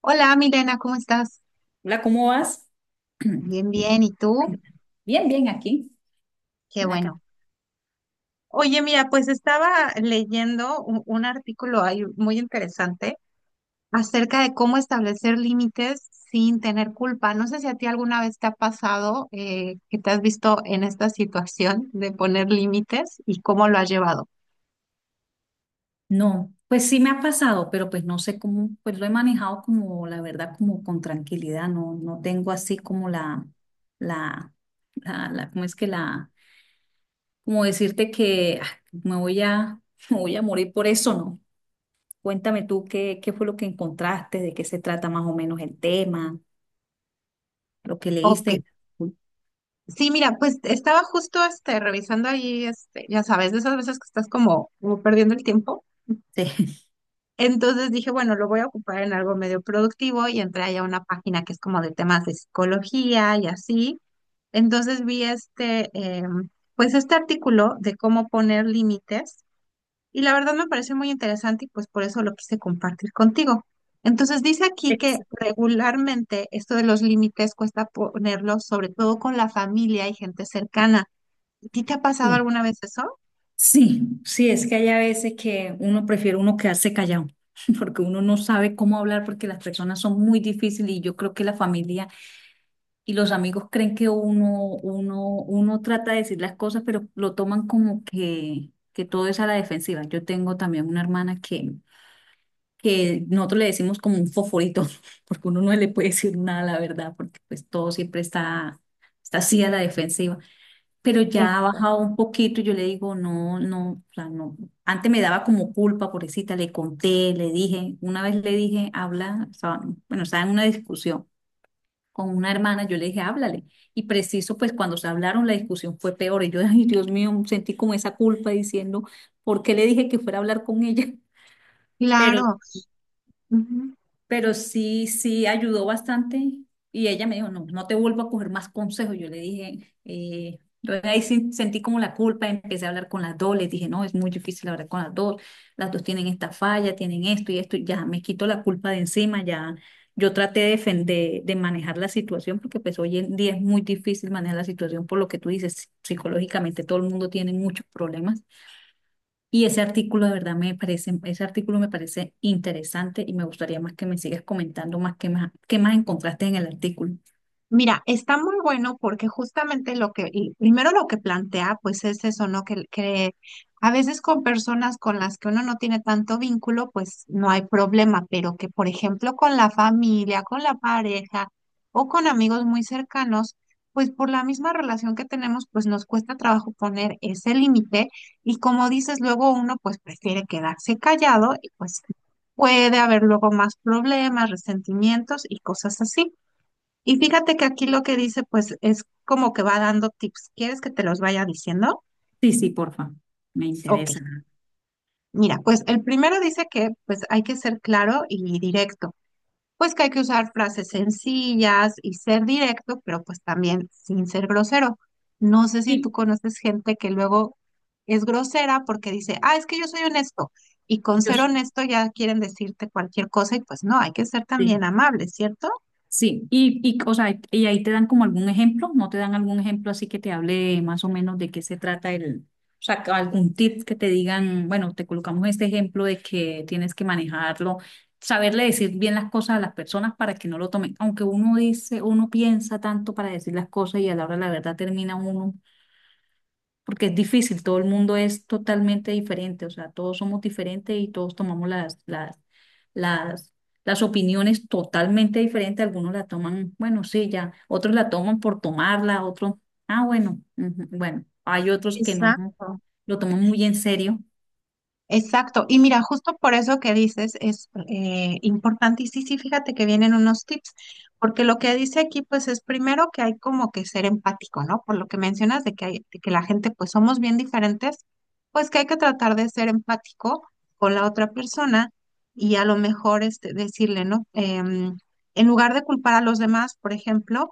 Hola, Milena, ¿cómo estás? Hola, ¿cómo vas? Bien, bien. ¿Y tú? Bueno, bien, bien, aquí Qué en la casa. bueno. Oye, mira, pues estaba leyendo un artículo ahí muy interesante acerca de cómo establecer límites sin tener culpa. No sé si a ti alguna vez te ha pasado que te has visto en esta situación de poner límites y cómo lo has llevado. No, pues sí me ha pasado, pero pues no sé cómo, pues lo he manejado como, la verdad, como con tranquilidad, no, no tengo así como la, ¿cómo es que como decirte que me voy a, me voy a morir por eso, ¿no? Cuéntame tú qué fue lo que encontraste, de qué se trata más o menos el tema, lo que Ok. leíste. Sí, mira, pues estaba justo revisando ahí, ya sabes, de esas veces que estás como perdiendo el tiempo. Sí. Entonces dije, bueno, lo voy a ocupar en algo medio productivo y entré allá a una página que es como de temas de psicología y así. Entonces vi pues este artículo de cómo poner límites y la verdad me pareció muy interesante y pues por eso lo quise compartir contigo. Entonces dice aquí que regularmente esto de los límites cuesta ponerlos sobre todo con la familia y gente cercana. ¿A ti te ha pasado Sí. alguna vez eso? Sí, sí, es que hay a veces que uno prefiere uno quedarse callado, porque uno no sabe cómo hablar, porque las personas son muy difíciles y yo creo que la familia y los amigos creen que uno trata de decir las cosas, pero lo toman como que todo es a la defensiva. Yo tengo también una hermana que nosotros le decimos como un foforito, porque uno no le puede decir nada, la verdad, porque pues todo siempre está así a la defensiva, pero ya ha Exacto. bajado un poquito y yo le digo, no, no, o sea, no. Antes me daba como culpa, pobrecita, le conté, le dije, una vez le dije, habla, bueno, estaba en una discusión con una hermana, yo le dije, háblale. Y preciso, pues cuando se hablaron, la discusión fue peor. Y yo, ay, Dios mío, sentí como esa culpa diciendo, ¿por qué le dije que fuera a hablar con ella? Pero Claro. Ujú. pero sí, sí ayudó bastante. Y ella me dijo, no, no te vuelvo a coger más consejos. Yo le dije, ahí sí sentí como la culpa, empecé a hablar con las dos, les dije, no, es muy difícil hablar con las dos tienen esta falla, tienen esto y esto, y ya me quito la culpa de encima, ya yo traté de manejar la situación, porque pues hoy en día es muy difícil manejar la situación por lo que tú dices, psicológicamente todo el mundo tiene muchos problemas. Y ese artículo de verdad me parece, ese artículo me parece interesante y me gustaría más que me sigas comentando más qué más encontraste en el artículo. Mira, está muy bueno porque justamente lo que, y primero lo que plantea, pues es eso, ¿no? Que a veces con personas con las que uno no tiene tanto vínculo, pues no hay problema, pero que por ejemplo con la familia, con la pareja o con amigos muy cercanos, pues por la misma relación que tenemos, pues nos cuesta trabajo poner ese límite y como dices, luego uno pues prefiere quedarse callado y pues puede haber luego más problemas, resentimientos y cosas así. Y fíjate que aquí lo que dice, pues es como que va dando tips. ¿Quieres que te los vaya diciendo? Sí, sí, porfa, me Ok, interesa. mira, pues el primero dice que pues hay que ser claro y directo. Pues que hay que usar frases sencillas y ser directo, pero pues también sin ser grosero. No sé si tú Y conoces gente que luego es grosera porque dice, ah, es que yo soy honesto. Y con yo ser honesto ya quieren decirte cualquier cosa y pues no, hay que ser también sí. amable, ¿cierto? Sí, y, o sea, y ahí te dan como algún ejemplo, ¿no te dan algún ejemplo así que te hable más o menos de qué se trata o sea, que algún tip que te digan, bueno, te colocamos este ejemplo de que tienes que manejarlo, saberle decir bien las cosas a las personas para que no lo tomen, aunque uno dice, uno piensa tanto para decir las cosas y a la hora de la verdad termina uno porque es difícil, todo el mundo es totalmente diferente, o sea, todos somos diferentes y todos tomamos las, las opiniones totalmente diferentes, algunos la toman, bueno, sí, ya, otros la toman por tomarla, otros, ah, bueno, ujú, bueno, hay otros que no, Exacto. lo toman muy en serio. Exacto. Y mira, justo por eso que dices es importante. Y sí, sí, fíjate que vienen unos tips, porque lo que dice aquí, pues es primero que hay como que ser empático, ¿no? Por lo que mencionas de que la gente, pues somos bien diferentes, pues que hay que tratar de ser empático con la otra persona y a lo mejor decirle, ¿no? En lugar de culpar a los demás, por ejemplo,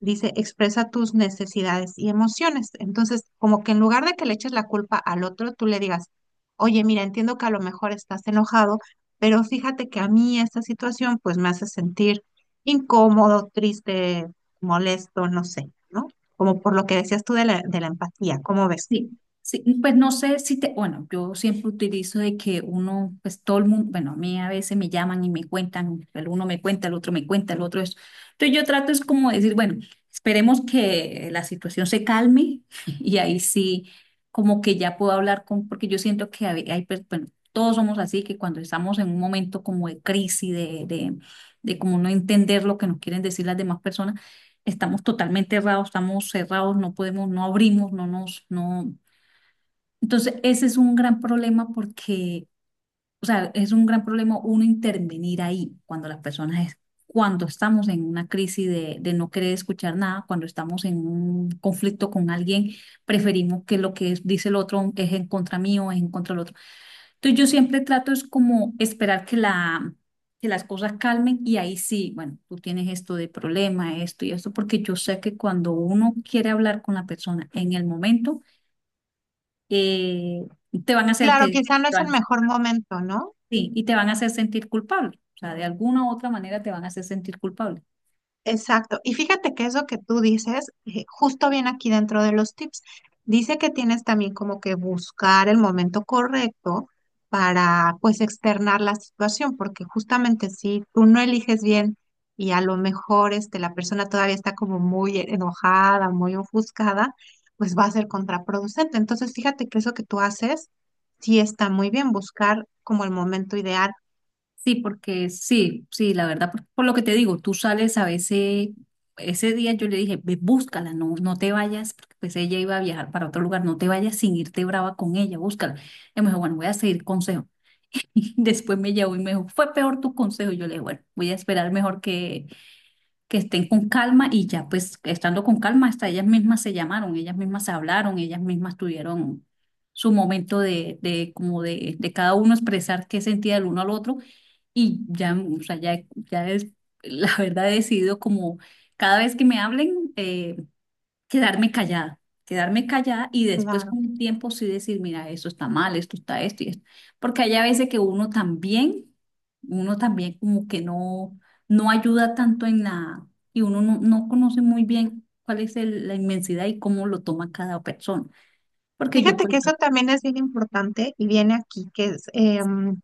dice, expresa tus necesidades y emociones. Entonces, como que en lugar de que le eches la culpa al otro, tú le digas, oye, mira, entiendo que a lo mejor estás enojado, pero fíjate que a mí esta situación pues me hace sentir incómodo, triste, molesto, no sé, ¿no? Como por lo que decías tú de de la empatía, ¿cómo ves? Sí, sí, pues no sé si te, bueno, yo siempre utilizo de que uno, pues todo el mundo, bueno, a mí a veces me llaman y me cuentan, el uno me cuenta, el otro me cuenta, el otro es. Entonces yo trato es como decir, bueno, esperemos que la situación se calme y ahí sí, como que ya puedo hablar con, porque yo siento que bueno, todos somos así, que cuando estamos en un momento como de crisis, de como no entender lo que nos quieren decir las demás personas, estamos totalmente errados, estamos cerrados, no podemos, no abrimos, no nos, no. Entonces, ese es un gran problema porque, o sea, es un gran problema uno intervenir ahí cuando las personas es, cuando estamos en una crisis de no querer escuchar nada, cuando estamos en un conflicto con alguien, preferimos que dice el otro es en contra mío, es en contra del otro. Entonces, yo siempre trato es como esperar que la que las cosas calmen y ahí sí, bueno, tú tienes esto de problema, esto y esto, porque yo sé que cuando uno quiere hablar con la persona en el momento eh, te van a hacer, Claro, te quizá no es el van- mejor momento, ¿no? sí, y te van a hacer sentir culpable. O sea, de alguna u otra manera te van a hacer sentir culpable. Exacto. Y fíjate que eso que tú dices, justo viene aquí dentro de los tips. Dice que tienes también como que buscar el momento correcto para pues externar la situación, porque justamente si tú no eliges bien y a lo mejor la persona todavía está como muy enojada, muy ofuscada, pues va a ser contraproducente. Entonces, fíjate que eso que tú haces sí está muy bien, buscar como el momento ideal. Sí, porque sí, sí, la verdad, por lo que te digo, tú sales a veces, ese día yo le dije, ve, búscala, no, no te vayas, porque pues ella iba a viajar para otro lugar, no te vayas sin irte brava con ella, búscala. Y me dijo, bueno, voy a seguir consejo. Después me llamó y me dijo, fue peor tu consejo. Yo le dije, bueno, voy a esperar mejor que estén con calma y ya pues estando con calma, hasta ellas mismas se llamaron, ellas mismas se hablaron, ellas mismas tuvieron su momento de cada uno expresar qué sentía el uno al otro y ya, o sea, ya es, la verdad he decidido como cada vez que me hablen, quedarme callada, quedarme callada y después con el tiempo sí decir, mira, esto está mal, esto está esto y esto. Porque hay a veces que uno también como que no, no ayuda tanto en la, y uno no, no conoce muy bien cuál es la inmensidad y cómo lo toma cada persona. Porque yo, Fíjate pues, que eso también es bien importante y viene aquí, que es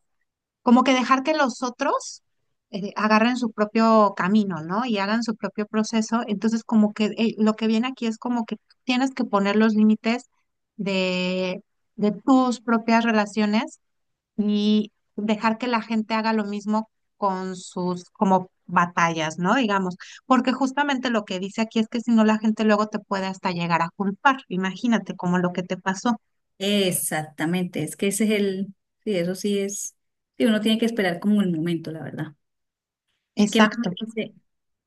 como que dejar que los otros agarren su propio camino, ¿no? Y hagan su propio proceso. Entonces, como que lo que viene aquí es como que tienes que poner los límites de, de tus propias relaciones y dejar que la gente haga lo mismo con sus como batallas, ¿no? Digamos, porque justamente lo que dice aquí es que si no la gente luego te puede hasta llegar a culpar, imagínate como lo que te pasó. exactamente, es que ese es el, sí, eso sí es, sí, uno tiene que esperar como el momento, la verdad. ¿Y qué más Exacto. te dice,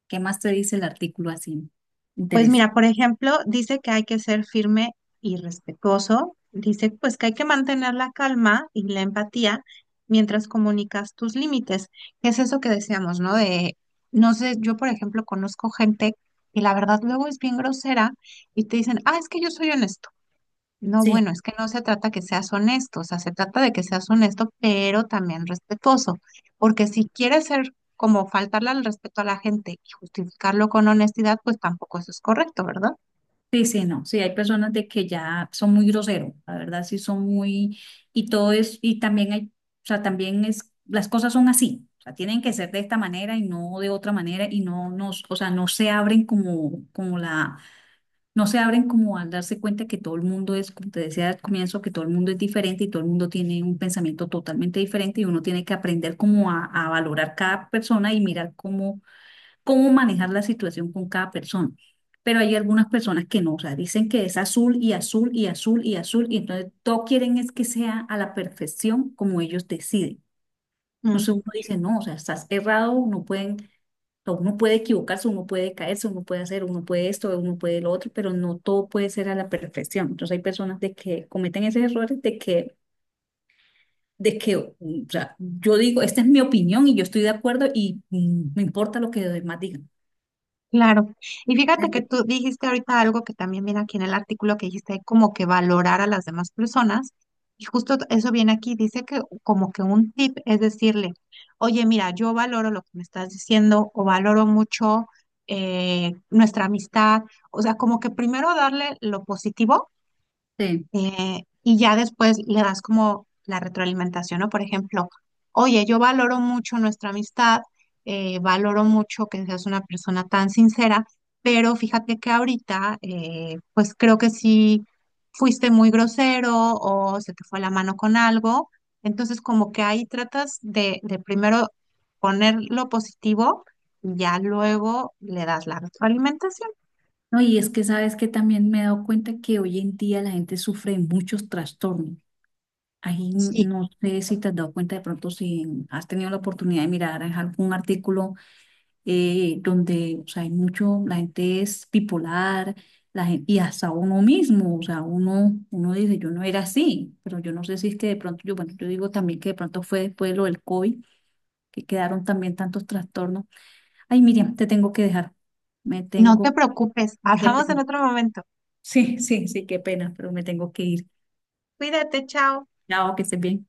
qué más te dice el artículo así? Pues Interesa. mira, por ejemplo, dice que hay que ser firme y respetuoso. Dice pues que hay que mantener la calma y la empatía mientras comunicas tus límites. Es eso que decíamos, ¿no? De, no sé, yo por ejemplo conozco gente que la verdad luego es bien grosera y te dicen, ah, es que yo soy honesto. No, bueno, es que no se trata que seas honesto, o sea, se trata de que seas honesto, pero también respetuoso, porque si quieres ser como faltarle al respeto a la gente y justificarlo con honestidad, pues tampoco eso es correcto, ¿verdad? Sí, sí, no, sí, hay personas de que ya son muy groseros, la verdad, sí son muy, y todo es, y también hay, o sea, también es, las cosas son así, o sea, tienen que ser de esta manera y no de otra manera, y no nos, o sea, no se abren como, como la, no se abren como al darse cuenta que todo el mundo es, como te decía al comienzo, que todo el mundo es diferente y todo el mundo tiene un pensamiento totalmente diferente y uno tiene que aprender como a valorar cada persona y mirar cómo cómo manejar la situación con cada persona. Pero hay algunas personas que no, o sea, dicen que es azul y azul y azul y azul, y entonces todo quieren es que sea a la perfección como ellos deciden. Entonces uno dice, no, o sea, estás errado, uno pueden, o uno puede equivocarse, uno puede caerse, uno puede hacer, uno puede esto, uno puede lo otro, pero no todo puede ser a la perfección. Entonces hay personas de que cometen esos errores de que mm, o sea, yo digo, esta es mi opinión y yo estoy de acuerdo y mm, me importa lo que los demás digan. Claro. Y fíjate que tú dijiste ahorita algo que también viene aquí en el artículo que dijiste como que valorar a las demás personas. Y justo eso viene aquí, dice que como que un tip es decirle, oye, mira, yo valoro lo que me estás diciendo o valoro mucho nuestra amistad. O sea, como que primero darle lo positivo Sí. Y ya después le das como la retroalimentación, ¿no? Por ejemplo, oye, yo valoro mucho nuestra amistad, valoro mucho que seas una persona tan sincera, pero fíjate que ahorita, pues creo que sí fuiste muy grosero o se te fue la mano con algo, entonces como que ahí tratas de primero poner lo positivo y ya luego le das la retroalimentación. No, y es que sabes que también me he dado cuenta que hoy en día la gente sufre de muchos trastornos. Sí, No sé si te has dado cuenta de pronto si has tenido la oportunidad de mirar en algún artículo, donde o sea, hay mucho, la gente es bipolar, la gente, y hasta uno mismo, o sea, uno dice, yo no era así, pero yo no sé si es que de pronto, yo, bueno, yo digo también que de pronto fue después de lo del COVID, que quedaron también tantos trastornos. Ay, Miriam, te tengo que dejar, me no te tengo preocupes, hablamos que en otro momento. sí, sí, sí, qué pena, pero me tengo que ir. Cuídate, chao. Chao, que estés bien.